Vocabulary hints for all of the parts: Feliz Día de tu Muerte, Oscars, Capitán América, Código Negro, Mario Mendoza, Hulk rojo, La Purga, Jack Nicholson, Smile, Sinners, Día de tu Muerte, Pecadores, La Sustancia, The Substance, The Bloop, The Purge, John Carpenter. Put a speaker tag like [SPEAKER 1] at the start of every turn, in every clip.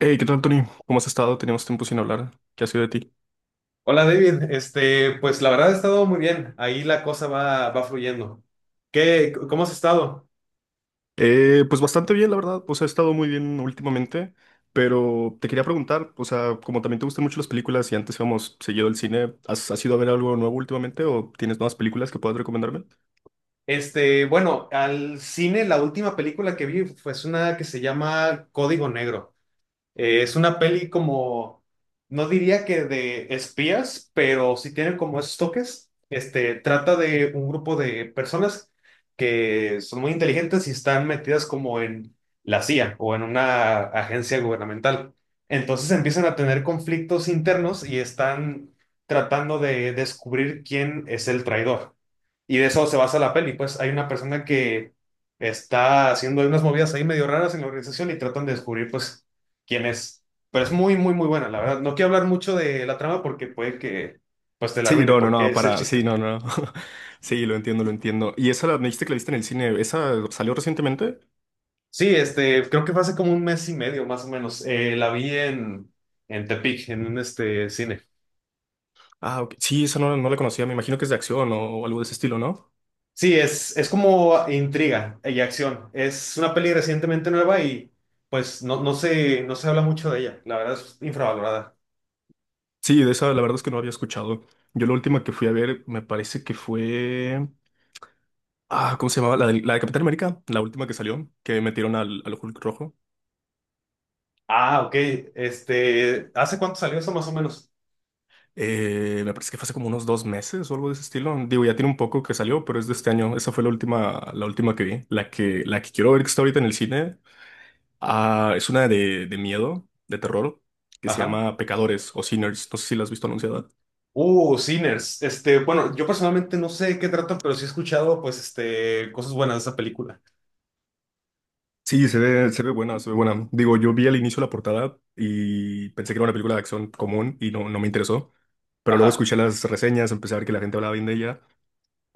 [SPEAKER 1] Hey, ¿qué tal, Tony? ¿Cómo has estado? Teníamos tiempo sin hablar. ¿Qué ha sido de ti?
[SPEAKER 2] Hola David, pues la verdad ha estado muy bien, ahí la cosa va fluyendo. ¿Qué, cómo has estado?
[SPEAKER 1] Pues bastante bien, la verdad. Pues he estado muy bien últimamente, pero te quería preguntar, o sea, como también te gustan mucho las películas y antes íbamos seguido al cine, ¿has ido a ver algo nuevo últimamente o tienes nuevas películas que puedas recomendarme?
[SPEAKER 2] Bueno, al cine la última película que vi fue una que se llama Código Negro. Es una peli como, no diría que de espías, pero sí tiene como esos toques. Trata de un grupo de personas que son muy inteligentes y están metidas como en la CIA o en una agencia gubernamental. Entonces empiezan a tener conflictos internos y están tratando de descubrir quién es el traidor. Y de eso se basa la peli. Pues hay una persona que está haciendo unas movidas ahí medio raras en la organización y tratan de descubrir, pues, quién es. Pero es muy, muy, muy buena, la verdad. No quiero hablar mucho de la trama porque puede que, pues, te la
[SPEAKER 1] Sí,
[SPEAKER 2] arruine,
[SPEAKER 1] no, no,
[SPEAKER 2] porque
[SPEAKER 1] no,
[SPEAKER 2] es el
[SPEAKER 1] para, sí,
[SPEAKER 2] chiste.
[SPEAKER 1] no, no, no. Sí, lo entiendo, lo entiendo. ¿Y esa me dijiste que la viste en el cine? ¿Esa salió recientemente?
[SPEAKER 2] Sí, creo que fue hace como un mes y medio, más o menos. La vi en Tepic, en un cine.
[SPEAKER 1] Ah, ok. Sí, esa no la conocía. Me imagino que es de acción o algo de ese estilo, ¿no?
[SPEAKER 2] Sí, es como intriga y acción. Es una peli recientemente nueva y, pues, no se habla mucho de ella. La verdad es infravalorada.
[SPEAKER 1] Sí, de esa la verdad es que no había escuchado. Yo la última que fui a ver me parece que fue. Ah, ¿cómo se llamaba? La de Capitán América, la última que salió, que metieron al Hulk rojo.
[SPEAKER 2] Ah, ok. ¿Hace cuánto salió eso más o menos?
[SPEAKER 1] Me parece que fue hace como unos 2 meses o algo de ese estilo. Digo, ya tiene un poco que salió, pero es de este año. Esa fue la última, que vi. La que quiero ver que está ahorita en el cine. Ah, es una de miedo, de terror, que se
[SPEAKER 2] Ajá.
[SPEAKER 1] llama Pecadores o Sinners. No sé si la has visto anunciada.
[SPEAKER 2] Sinners. Bueno, yo personalmente no sé de qué trata, pero sí he escuchado, pues, cosas buenas de esa película.
[SPEAKER 1] Sí, se ve buena, se ve buena. Digo, yo vi al inicio la portada y pensé que era una película de acción común y no me interesó. Pero luego
[SPEAKER 2] Ajá,
[SPEAKER 1] escuché las reseñas, empecé a ver que la gente hablaba bien de ella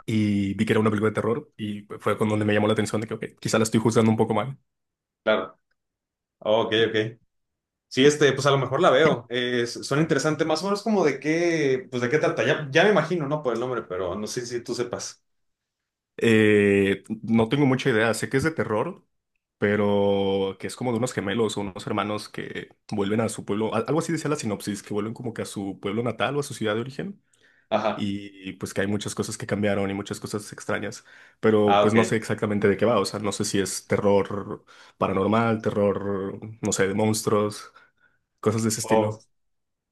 [SPEAKER 1] y vi que era una película de terror y fue con donde me llamó la atención de que, ok, quizá la estoy juzgando un poco mal.
[SPEAKER 2] claro. Ok, ok. Sí, pues a lo mejor la veo. Suena interesante, más o menos como de qué, pues de qué trata. Ya me imagino, ¿no? Por el nombre, pero no sé si tú sepas.
[SPEAKER 1] No tengo mucha idea, sé que es de terror, pero que es como de unos gemelos o unos hermanos que vuelven a su pueblo, algo así decía la sinopsis, que vuelven como que a su pueblo natal o a su ciudad de origen
[SPEAKER 2] Ajá.
[SPEAKER 1] y pues que hay muchas cosas que cambiaron y muchas cosas extrañas, pero
[SPEAKER 2] Ah,
[SPEAKER 1] pues no sé
[SPEAKER 2] ok.
[SPEAKER 1] exactamente de qué va, o sea, no sé si es terror paranormal, terror, no sé, de monstruos, cosas de ese estilo.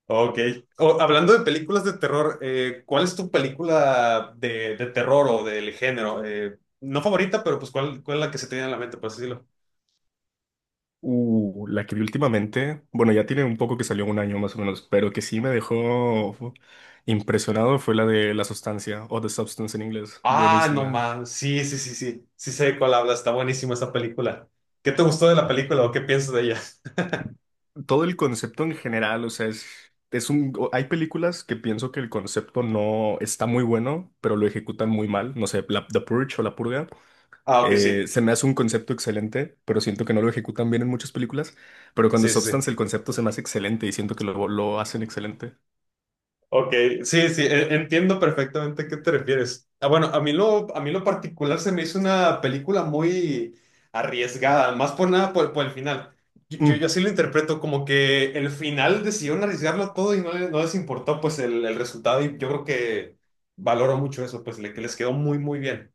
[SPEAKER 2] Ok. Hablando de películas de terror, ¿cuál es tu película de terror o del género? No favorita, pero pues ¿cuál, cuál es la que se te viene a la mente, por así decirlo?
[SPEAKER 1] La que vi últimamente, bueno, ya tiene un poco que salió un año más o menos, pero que sí me dejó impresionado fue la de La Sustancia o The Substance en inglés,
[SPEAKER 2] Ah, no
[SPEAKER 1] buenísima.
[SPEAKER 2] más. Sí, sí, sí, sí. Sí sé de cuál habla. Está buenísima esa película. ¿Qué te gustó de la película o qué piensas de ella?
[SPEAKER 1] Todo el concepto en general, o sea, hay películas que pienso que el concepto no está muy bueno, pero lo ejecutan muy mal, no sé, The Purge o La Purga,
[SPEAKER 2] Ah, ok, sí.
[SPEAKER 1] se me hace un concepto excelente, pero siento que no lo ejecutan bien en muchas películas, pero cuando
[SPEAKER 2] Sí, sí,
[SPEAKER 1] Substance
[SPEAKER 2] sí.
[SPEAKER 1] el concepto se me hace excelente y siento que lo hacen excelente.
[SPEAKER 2] Ok, sí, sí, entiendo perfectamente a qué te refieres. Ah, bueno, a mí lo particular se me hizo una película muy arriesgada, más por nada por el final. Yo
[SPEAKER 1] Mm.
[SPEAKER 2] así lo interpreto, como que el final decidieron arriesgarlo todo y no les importó pues el resultado y yo creo que valoro mucho eso, pues que les quedó muy, muy bien.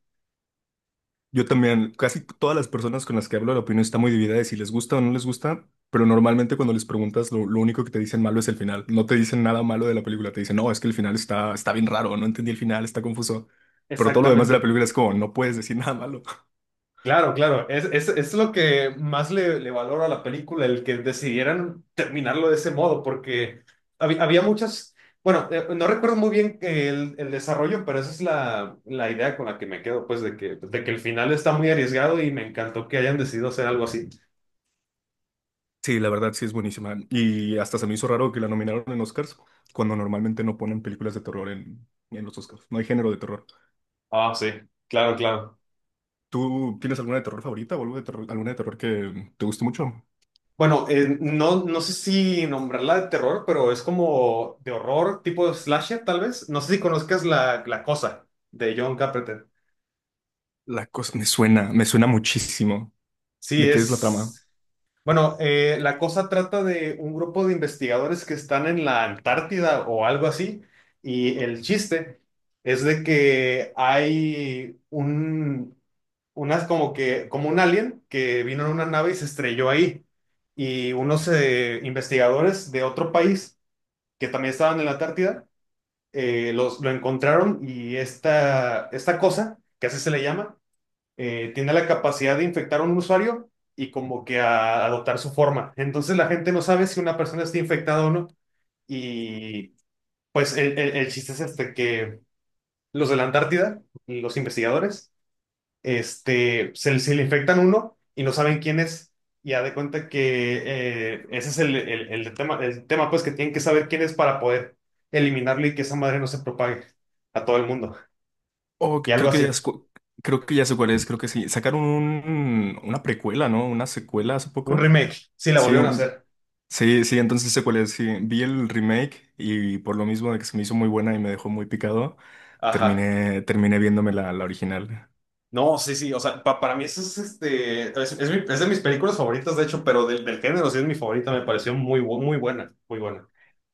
[SPEAKER 1] Yo también, casi todas las personas con las que hablo, la opinión está muy dividida de si les gusta o no les gusta, pero normalmente cuando les preguntas, lo único que te dicen malo es el final. No te dicen nada malo de la película, te dicen, no, es que el final está bien raro, no entendí el final, está confuso. Pero todo lo demás de la
[SPEAKER 2] Exactamente.
[SPEAKER 1] película es como, no puedes decir nada malo.
[SPEAKER 2] Claro, claro, es lo que más le valoro a la película, el que decidieran terminarlo de ese modo, porque había muchas, bueno, no recuerdo muy bien el desarrollo, pero esa es la idea con la que me quedo, pues de de que el final está muy arriesgado y me encantó que hayan decidido hacer algo así.
[SPEAKER 1] Sí, la verdad sí es buenísima. Y hasta se me hizo raro que la nominaron en Oscars, cuando normalmente no ponen películas de terror en los Oscars. No hay género de terror.
[SPEAKER 2] Ah, sí, claro, claro.
[SPEAKER 1] ¿Tú tienes alguna de terror favorita o algo de alguna de terror que te guste mucho?
[SPEAKER 2] Bueno, no sé si nombrarla de terror, pero es como de horror, tipo slasher, tal vez. No sé si conozcas la cosa de John Carpenter.
[SPEAKER 1] La cosa me suena muchísimo.
[SPEAKER 2] Sí,
[SPEAKER 1] ¿De qué es la trama?
[SPEAKER 2] es. Bueno, la cosa trata de un grupo de investigadores que están en la Antártida o algo así, y el chiste es de que hay unas como como un alien que vino en una nave y se estrelló ahí, y unos investigadores de otro país que también estaban en la Antártida, lo encontraron y esta cosa, que así se le llama, tiene la capacidad de infectar a un usuario y como que a adoptar su forma. Entonces la gente no sabe si una persona está infectada o no. Y pues el chiste es este, que los de la Antártida, los investigadores, se le infectan uno y no saben quién es. Y ya de cuenta que ese es el tema, pues que tienen que saber quién es para poder eliminarlo y que esa madre no se propague a todo el mundo.
[SPEAKER 1] Oh,
[SPEAKER 2] Y algo
[SPEAKER 1] creo que ya
[SPEAKER 2] así.
[SPEAKER 1] es creo que ya sé cuál es, creo que sí. Sacaron una precuela, ¿no? Una secuela hace
[SPEAKER 2] Un
[SPEAKER 1] poco.
[SPEAKER 2] remake. Sí, la
[SPEAKER 1] Sí,
[SPEAKER 2] volvieron a hacer.
[SPEAKER 1] sí, sí, entonces sé cuál es. Sí, vi el remake y por lo mismo de que se me hizo muy buena y me dejó muy picado,
[SPEAKER 2] Ajá.
[SPEAKER 1] terminé viéndome la original.
[SPEAKER 2] No, sí, sí, o sea, para mí eso es es de mis películas favoritas, de hecho, pero del género sí es mi favorita, me pareció muy buena, muy buena.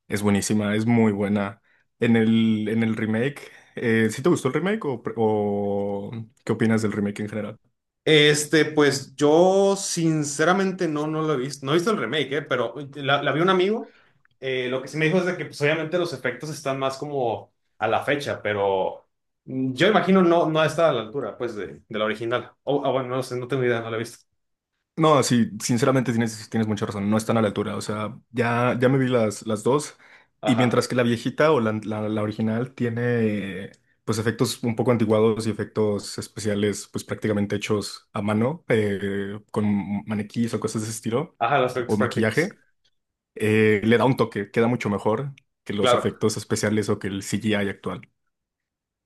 [SPEAKER 1] Es buenísima, es muy buena. En el remake, ¿sí te gustó el remake o qué opinas del remake en general?
[SPEAKER 2] Pues yo sinceramente no lo he visto, no he visto el remake, pero la vi un amigo, lo que sí me dijo es de que pues, obviamente los efectos están más como a la fecha, pero yo imagino no está a la altura, pues, de la original. Ah, bueno, no sé, no tengo idea, no la he visto.
[SPEAKER 1] No, sí, sinceramente tienes mucha razón, no están a la altura, o sea, ya me vi las dos y
[SPEAKER 2] Ajá,
[SPEAKER 1] mientras que la viejita o la original tiene pues efectos un poco antiguados y efectos especiales pues prácticamente hechos a mano, con maniquíes o cosas de ese estilo
[SPEAKER 2] ajá, los efectos
[SPEAKER 1] o maquillaje,
[SPEAKER 2] prácticos,
[SPEAKER 1] eh, le da un toque, queda mucho mejor que los
[SPEAKER 2] claro.
[SPEAKER 1] efectos especiales o que el CGI actual.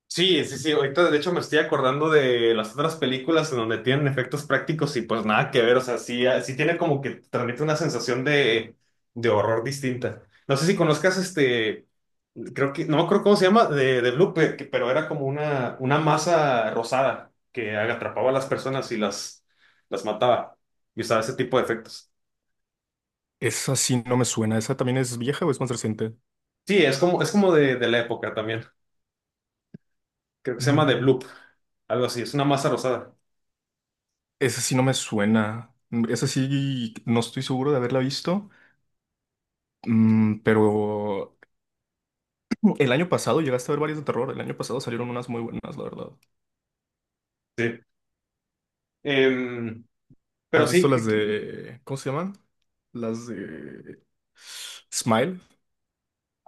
[SPEAKER 2] Sí, sí, sí. Ahorita, de hecho, me estoy acordando de las otras películas en donde tienen efectos prácticos y pues nada que ver. O sea, sí, ah, sí tiene como que transmite una sensación de horror distinta. No sé si conozcas creo no me acuerdo cómo se llama, de Blue, pero era como una masa rosada que atrapaba a las personas y las mataba. Y usaba ese tipo de efectos.
[SPEAKER 1] Esa sí no me suena, ¿esa también es vieja o es más reciente?
[SPEAKER 2] Sí, es como de la época también. Creo que se llama The Bloop, algo así. Es una masa rosada.
[SPEAKER 1] Esa sí no me suena. Esa sí no estoy seguro de haberla visto. Pero el año pasado llegaste a ver varias de terror. El año pasado salieron unas muy buenas, la verdad.
[SPEAKER 2] Sí. Em, pero
[SPEAKER 1] ¿Has visto
[SPEAKER 2] sí,
[SPEAKER 1] las de, cómo se llaman, las de Smile?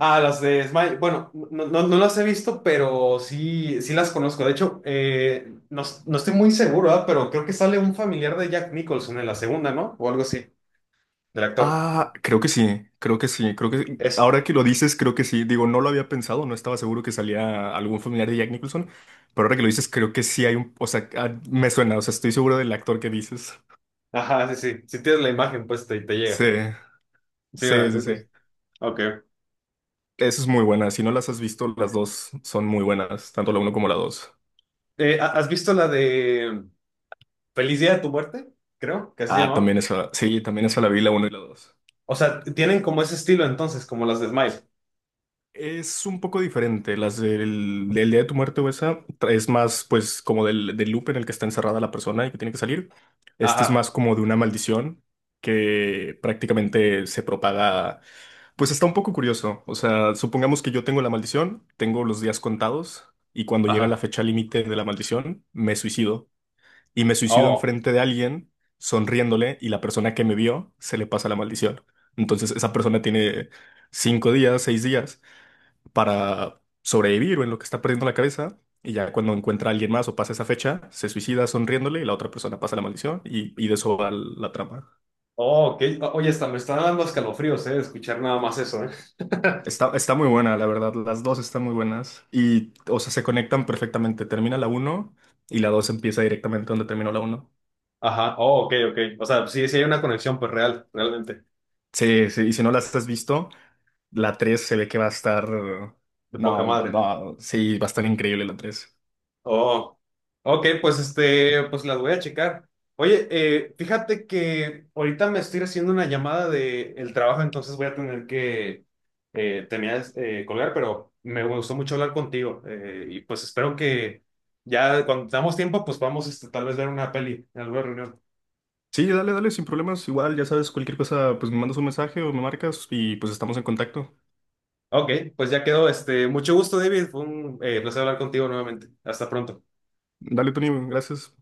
[SPEAKER 2] ah, las de Smile. Bueno, no las he visto, pero sí, sí las conozco. De hecho, no estoy muy seguro, ¿verdad? Pero creo que sale un familiar de Jack Nicholson en la segunda, ¿no? O algo así, del actor.
[SPEAKER 1] Ah, creo que sí, creo que sí, creo que
[SPEAKER 2] Es.
[SPEAKER 1] ahora que lo dices, creo que sí. Digo, no lo había pensado, no estaba seguro que salía algún familiar de Jack Nicholson, pero ahora que lo dices, creo que sí hay un, o sea, ah, me suena, o sea, estoy seguro del actor que dices.
[SPEAKER 2] Ajá, sí, sí. Si tienes la imagen, pues te llega.
[SPEAKER 1] Sí,
[SPEAKER 2] Sí,
[SPEAKER 1] sí, sí,
[SPEAKER 2] ¿verdad? Sí.
[SPEAKER 1] sí.
[SPEAKER 2] Sí. Ok.
[SPEAKER 1] Esa es muy buena. Si no las has visto, las dos son muy buenas, tanto la uno como la dos.
[SPEAKER 2] ¿Has visto la de Feliz Día de tu Muerte? Creo que así se
[SPEAKER 1] Ah,
[SPEAKER 2] llamaba.
[SPEAKER 1] también esa. Sí, también esa la vi, la uno y la dos.
[SPEAKER 2] O sea, tienen como ese estilo entonces, como las de Smile.
[SPEAKER 1] Es un poco diferente. Las del Día de tu Muerte o esa es más, pues, como del loop en el que está encerrada la persona y que tiene que salir. Este es
[SPEAKER 2] Ajá,
[SPEAKER 1] más como de una maldición que prácticamente se propaga. Pues está un poco curioso. O sea, supongamos que yo tengo la maldición, tengo los días contados y cuando llega la
[SPEAKER 2] ajá.
[SPEAKER 1] fecha límite de la maldición, me suicido. Y me suicido
[SPEAKER 2] Oh,
[SPEAKER 1] enfrente de alguien, sonriéndole, y la persona que me vio se le pasa la maldición. Entonces esa persona tiene 5 días, 6 días para sobrevivir o en lo que está perdiendo la cabeza. Y ya cuando encuentra a alguien más o pasa esa fecha, se suicida sonriéndole y la otra persona pasa la maldición y de eso va la trama.
[SPEAKER 2] oh, ok. Oye, hasta me están dando escalofríos, ¿eh? Escuchar nada más eso, ¿eh?
[SPEAKER 1] Está muy buena, la verdad. Las dos están muy buenas y, o sea, se conectan perfectamente. Termina la uno y la 2 empieza directamente donde terminó la uno.
[SPEAKER 2] Ajá, oh, ok, ok. O sea, sí, sí hay una conexión, pues realmente,
[SPEAKER 1] Sí, sí, y si no las has visto, la 3 se ve que va a estar.
[SPEAKER 2] de poca
[SPEAKER 1] No,
[SPEAKER 2] madre.
[SPEAKER 1] no, sí, va a estar increíble la 3.
[SPEAKER 2] Oh, ok, pues pues las voy a checar. Oye, fíjate que ahorita me estoy haciendo una llamada de el trabajo, entonces voy a tener que terminar colgar, pero me gustó mucho hablar contigo. Y pues espero que ya cuando tengamos tiempo, pues vamos tal vez ver una peli en alguna reunión.
[SPEAKER 1] Sí, dale, dale, sin problemas. Igual, ya sabes, cualquier cosa, pues me mandas un mensaje o me marcas y pues estamos en contacto.
[SPEAKER 2] Ok, pues ya quedó. Mucho gusto, David. Fue un placer hablar contigo nuevamente. Hasta pronto.
[SPEAKER 1] Dale, Tony, gracias.